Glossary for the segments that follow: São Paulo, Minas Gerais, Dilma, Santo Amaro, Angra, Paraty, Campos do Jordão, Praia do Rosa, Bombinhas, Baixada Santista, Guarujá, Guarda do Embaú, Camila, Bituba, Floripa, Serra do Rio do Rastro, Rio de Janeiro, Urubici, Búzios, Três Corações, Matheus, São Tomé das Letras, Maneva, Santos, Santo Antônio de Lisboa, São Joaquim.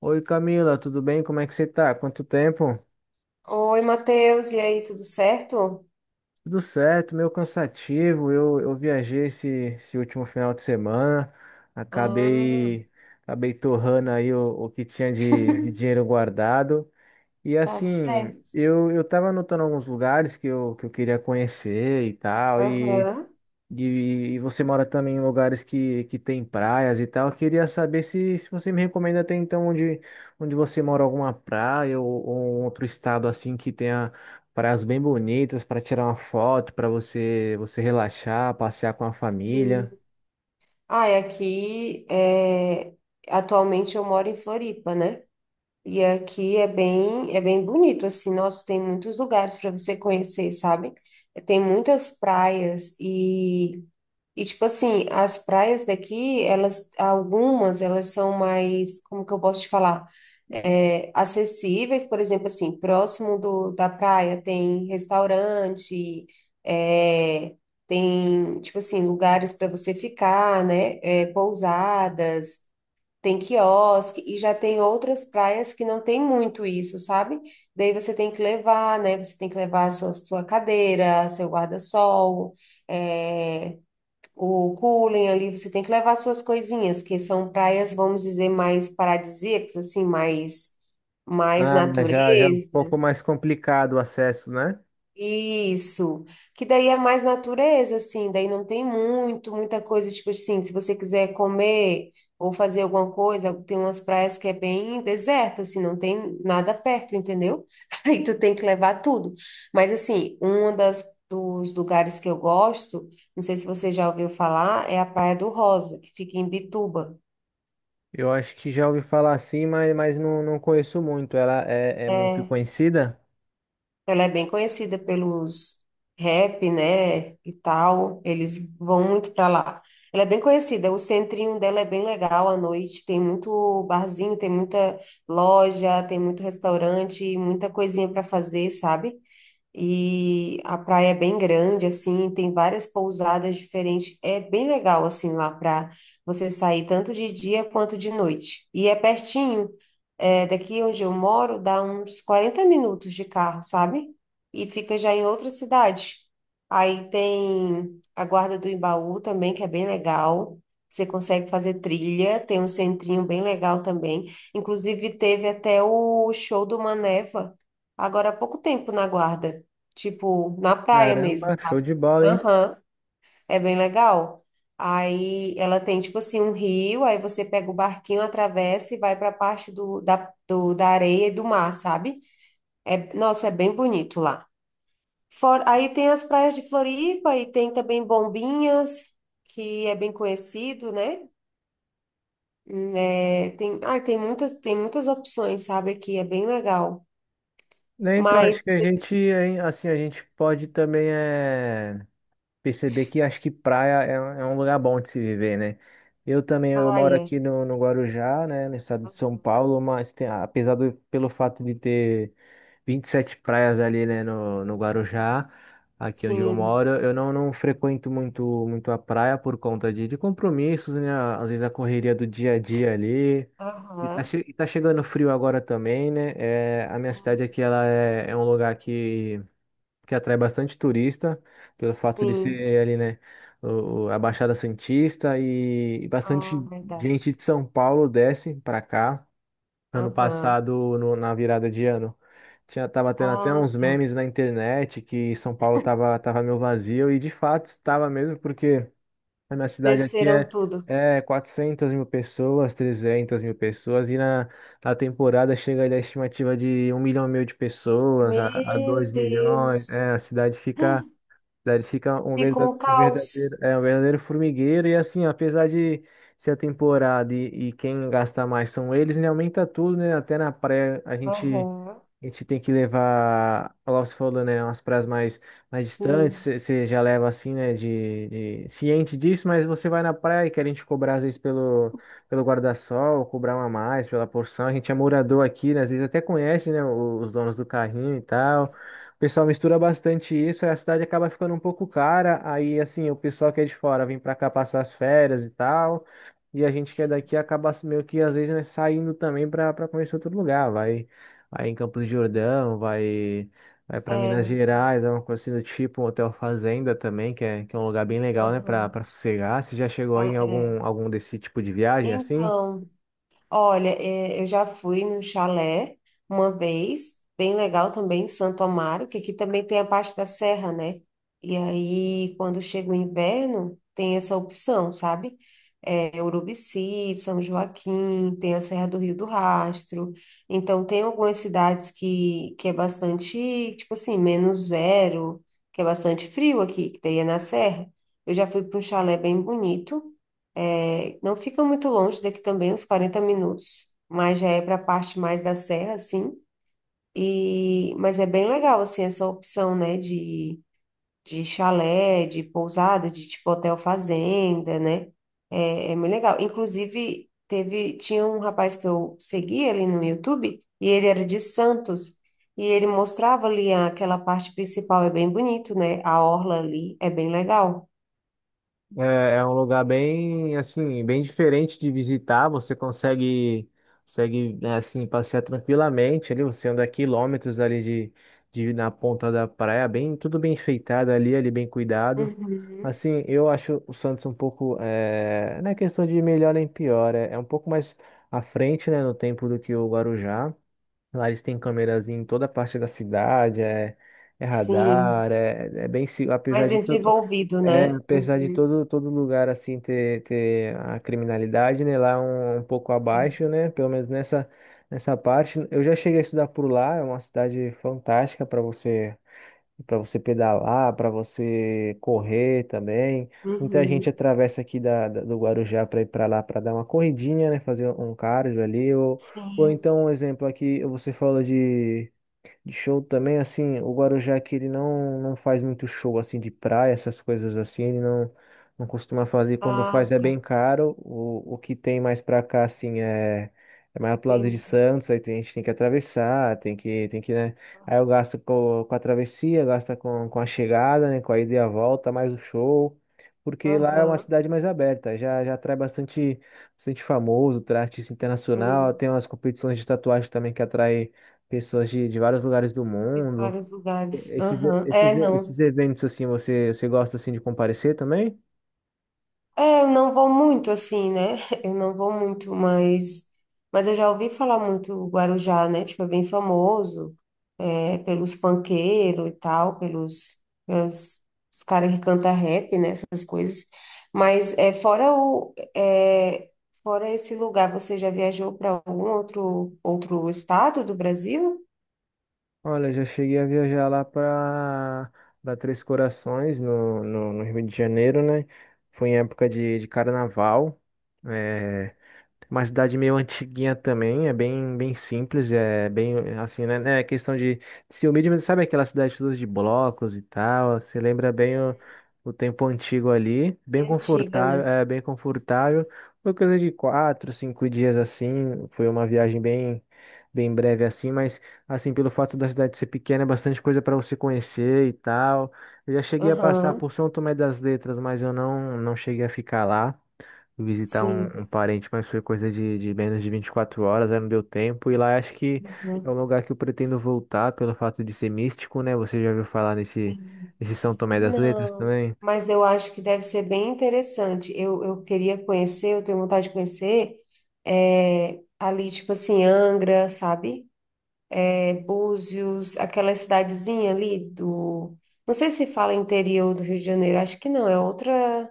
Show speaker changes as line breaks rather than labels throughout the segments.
Oi Camila, tudo bem? Como é que você tá? Quanto tempo?
Oi, Matheus, e aí, tudo certo?
Tudo certo, meio cansativo. Eu viajei esse último final de semana,
Ah,
acabei, acabei torrando aí o que tinha de dinheiro guardado. E
tá
assim,
certo.
eu tava anotando alguns lugares que eu queria conhecer e tal.
Aham,
E você mora também em lugares que tem praias e tal. Eu queria saber se você me recomenda até então onde você mora, alguma praia ou um outro estado assim que tenha praias bem bonitas para tirar uma foto, para você relaxar, passear com a
sim.
família.
Ah, e aqui, atualmente eu moro em Floripa, né? E aqui é bem bonito, assim, nossa, tem muitos lugares para você conhecer, sabe? Tem muitas praias e, tipo assim, as praias daqui, elas, algumas, elas são mais, como que eu posso te falar? Acessíveis, por exemplo, assim, próximo do, da praia tem restaurante, é, tem, tipo assim, lugares para você ficar, né? É, pousadas, tem quiosque, e já tem outras praias que não tem muito isso, sabe? Daí você tem que levar, né? Você tem que levar a sua, sua cadeira, seu guarda-sol, é o cooling ali, você tem que levar suas coisinhas, que são praias, vamos dizer, mais paradisíacas, assim, mais, mais
Ah, já é um
natureza,
pouco mais complicado o acesso, né?
isso, que daí é mais natureza, assim, daí não tem muito, muita coisa, tipo assim, se você quiser comer ou fazer alguma coisa, tem umas praias que é bem deserta, assim, não tem nada perto, entendeu? Aí tu tem que levar tudo. Mas assim, um das, dos lugares que eu gosto, não sei se você já ouviu falar, é a Praia do Rosa, que fica em Bituba.
Eu acho que já ouvi falar assim, mas não conheço muito. Ela é muito conhecida?
Ela é bem conhecida pelos rap, né, e tal. Eles vão muito para lá. Ela é bem conhecida. O centrinho dela é bem legal à noite. Tem muito barzinho, tem muita loja, tem muito restaurante, muita coisinha para fazer, sabe? E a praia é bem grande, assim, tem várias pousadas diferentes. É bem legal, assim, lá para você sair tanto de dia quanto de noite. E é pertinho. É, daqui onde eu moro, dá uns 40 minutos de carro, sabe? E fica já em outra cidade. Aí tem a Guarda do Embaú também, que é bem legal. Você consegue fazer trilha, tem um centrinho bem legal também. Inclusive, teve até o show do Maneva, agora há pouco tempo na Guarda, tipo, na praia mesmo,
Caramba, show
sabe?
de bola, hein?
Aham. É bem legal. Aí ela tem tipo assim um rio, aí você pega o barquinho, atravessa e vai para a parte da areia e do mar, sabe? É, nossa, é bem bonito lá. Fora, aí tem as praias de Floripa e tem também Bombinhas, que é bem conhecido, né? Ah, tem muitas opções, sabe? Aqui é bem legal.
Né, então,
Mas
acho que a
você.
gente, hein, assim, a gente pode também é, perceber que acho que praia é um lugar bom de se viver, né? Eu também, eu
Ah,
moro
é.
aqui no Guarujá, né, no estado de São Paulo, mas tem, apesar do, pelo fato de ter 27 praias ali, né, no Guarujá, aqui onde eu
Sim.
moro, eu não frequento muito, muito a praia por conta de compromissos, né? Às vezes a correria do dia a dia ali.
Aham.
E tá chegando frio agora também, né? É, a minha cidade aqui, ela é um lugar que atrai bastante turista, pelo fato de
Sim.
ser ali, né, a Baixada Santista e
Ah,
bastante gente
verdade.
de São Paulo desce pra cá. Ano
Aham.
passado, na virada de ano, tava tendo até
Ah,
uns
tá.
memes na internet que São Paulo tava meio vazio, e de fato estava mesmo, porque a minha cidade aqui
Desceram tudo.
é 400 mil pessoas, 300 mil pessoas, e na temporada chega ali a estimativa de 1,5 milhão de pessoas a
Meu
2 milhões. É,
Deus.
a cidade fica
Ficou um caos.
um verdadeiro formigueiro. E assim, apesar de ser a temporada e quem gasta mais são eles, né, aumenta tudo, né? Até na praia a gente.
Aham.
A gente tem que levar, lá você falou, né, umas praias mais distantes,
Sim.
você já leva assim, né, ciente disso, mas você vai na praia e querem te cobrar às vezes pelo guarda-sol, cobrar uma a mais pela porção, a gente é morador aqui, né, às vezes até conhece, né, os donos do carrinho e tal, o pessoal mistura bastante isso, aí a cidade acaba ficando um pouco cara, aí assim, o pessoal que é de fora vem pra cá passar as férias e tal, e a gente que é
Sim.
daqui acaba assim, meio que às vezes, né, saindo também pra conhecer outro lugar, vai aí em Campos do Jordão, vai para
É
Minas
verdade.
Gerais, é uma coisa assim do tipo, um hotel fazenda também, que é um lugar bem legal, né,
Aham.
para sossegar. Você já chegou aí em
Tá, é.
algum desse tipo de viagem assim?
Então. Olha, é, eu já fui no chalé uma vez, bem legal também, em Santo Amaro, que aqui também tem a parte da serra, né? E aí, quando chega o inverno, tem essa opção, sabe? É, Urubici, São Joaquim, tem a Serra do Rio do Rastro. Então, tem algumas cidades que é bastante, tipo assim, menos zero, que é bastante frio aqui, que daí é na serra. Eu já fui para um chalé bem bonito. É, não fica muito longe daqui também, uns 40 minutos, mas já é para a parte mais da serra, assim. E, mas é bem legal, assim, essa opção, né, de chalé, de pousada, de tipo hotel fazenda, né? É, é muito legal. Inclusive, teve, tinha um rapaz que eu seguia ali no YouTube, e ele era de Santos, e ele mostrava ali aquela parte principal, é bem bonito, né? A orla ali é bem legal.
É um lugar bem, assim, bem diferente de visitar. Consegue, né, assim, passear tranquilamente ali. Você anda quilômetros ali de na ponta da praia, bem, tudo bem enfeitado ali bem cuidado.
Uhum.
Assim, eu acho o Santos um pouco, é, não é questão de melhor nem pior, é um pouco mais à frente, né, no tempo do que o Guarujá. Lá eles têm câmeras em toda parte da cidade, é
Sim.
radar, é bem, apesar
Mais
de tudo.
desenvolvido,
É,
né?
apesar de
Uhum.
todo lugar assim ter a criminalidade, né, lá um pouco
É.
abaixo, né, pelo menos nessa parte. Eu já cheguei a estudar por lá, é uma cidade fantástica para você pedalar, para você correr também. Muita gente
Uhum.
atravessa aqui do Guarujá para ir para lá para dar uma corridinha, né, fazer um cardio ali ou
Sim.
então um exemplo aqui, você falou de show também, assim, o Guarujá que ele não faz muito show, assim, de praia, essas coisas assim, ele não costuma fazer. Quando
Ah,
faz é bem
tá.
caro. O que tem mais pra cá, assim, é mais pro lado de
Entendi.
Santos, a gente tem que atravessar, tem que, né? Aí eu gasto com a travessia, gasta com a chegada, né? Com a ida e a volta, mais o show. Porque lá é uma
Aham.
cidade mais aberta, já atrai bastante, bastante famoso, traz artista internacional,
Sim.
tem umas competições de tatuagem também que atrai pessoas de vários lugares do
De
mundo.
vários lugares.
Esses,
Aham. É,
esses,
não.
esses eventos assim, você gosta assim de comparecer também?
É, eu não vou muito assim, né? Eu não vou muito, mas, eu já ouvi falar muito o Guarujá, né? Tipo, é bem famoso, é, pelos funkeiros e tal, pelas- os caras que cantam rap, né? Essas coisas. Mas é, fora o, é, fora esse lugar, você já viajou para algum outro estado do Brasil?
Olha, já cheguei a viajar lá para Três Corações, no Rio de Janeiro, né? Foi em época de carnaval. É, Uma cidade meio antiguinha também, é bem simples, é bem assim, né? É questão de ser humilde, mas sabe aquelas cidades todas de blocos e tal? Você lembra bem o tempo antigo ali,
É antiga, né?
bem confortável. Foi coisa de 4, 5 dias assim, foi uma viagem bem breve assim, mas assim, pelo fato da cidade ser pequena, é bastante coisa para você conhecer e tal. Eu já cheguei a passar
Aham,
por São Tomé das Letras, mas eu não cheguei a ficar lá visitar
sim.
um parente, mas foi coisa de menos de 24 horas, aí não deu tempo. E lá acho que é um lugar que eu pretendo voltar pelo fato de ser místico, né? Você já ouviu falar
Uhum.
nesse São Tomé das Letras
Não,
também?
mas eu acho que deve ser bem interessante. Eu queria conhecer, eu tenho vontade de conhecer, é, ali, tipo assim, Angra, sabe? É, Búzios, aquela cidadezinha ali do. Não sei se fala interior do Rio de Janeiro, acho que não, é outra,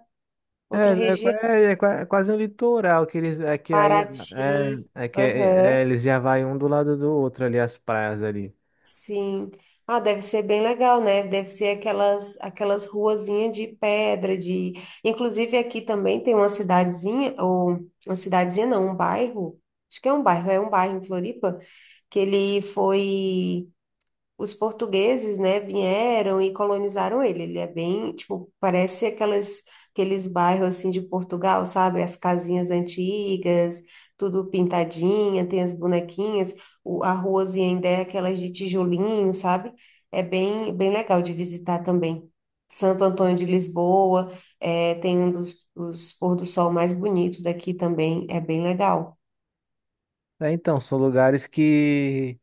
outra
É, né?
região.
É quase um litoral que eles é que aí
Paraty, aham.
eles já vai um do lado do outro ali as praias ali.
Sim. Ah, deve ser bem legal, né? Deve ser aquelas ruazinhas de pedra, de... Inclusive aqui também tem uma cidadezinha, ou uma cidadezinha não, um bairro, acho que é um bairro em Floripa, que ele foi os portugueses, né, vieram e colonizaram ele. Ele é bem, tipo, parece aquelas, aqueles bairros assim de Portugal, sabe? As casinhas antigas, tudo pintadinha, tem as bonequinhas, o, a ruazinha ainda é aquelas de tijolinho, sabe? É bem, bem legal de visitar também. Santo Antônio de Lisboa, é, tem um dos pôr do sol mais bonito daqui também, é bem legal.
É, então são lugares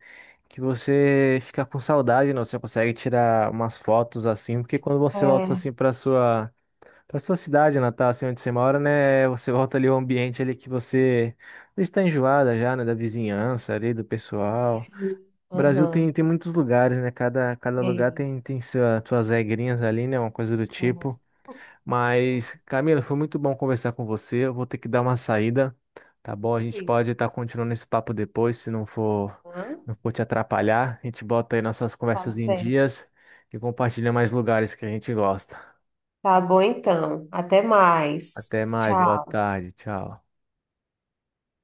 que você fica com saudade, não? Você consegue tirar umas fotos assim, porque quando você volta assim
É,
para sua cidade natal, assim onde você mora, né? Você volta ali ao ambiente ali que você está enjoada já, né? Da vizinhança ali, do pessoal.
sim.
O Brasil
Aham,
tem muitos lugares, né? Cada
é,
lugar tem suas regrinhas ali, né? Uma coisa do
é,
tipo.
muito
Mas, Camila, foi muito bom conversar com você. Eu vou ter que dar uma saída, tá bom? A gente
tranquilo.
pode estar continuando esse papo depois, se não for, não for te atrapalhar. A gente bota aí nossas
Tá
conversas em
certo.
dias e compartilha mais lugares que a gente gosta.
Tá bom então. Até mais.
Até mais, boa
Tchau.
tarde, tchau.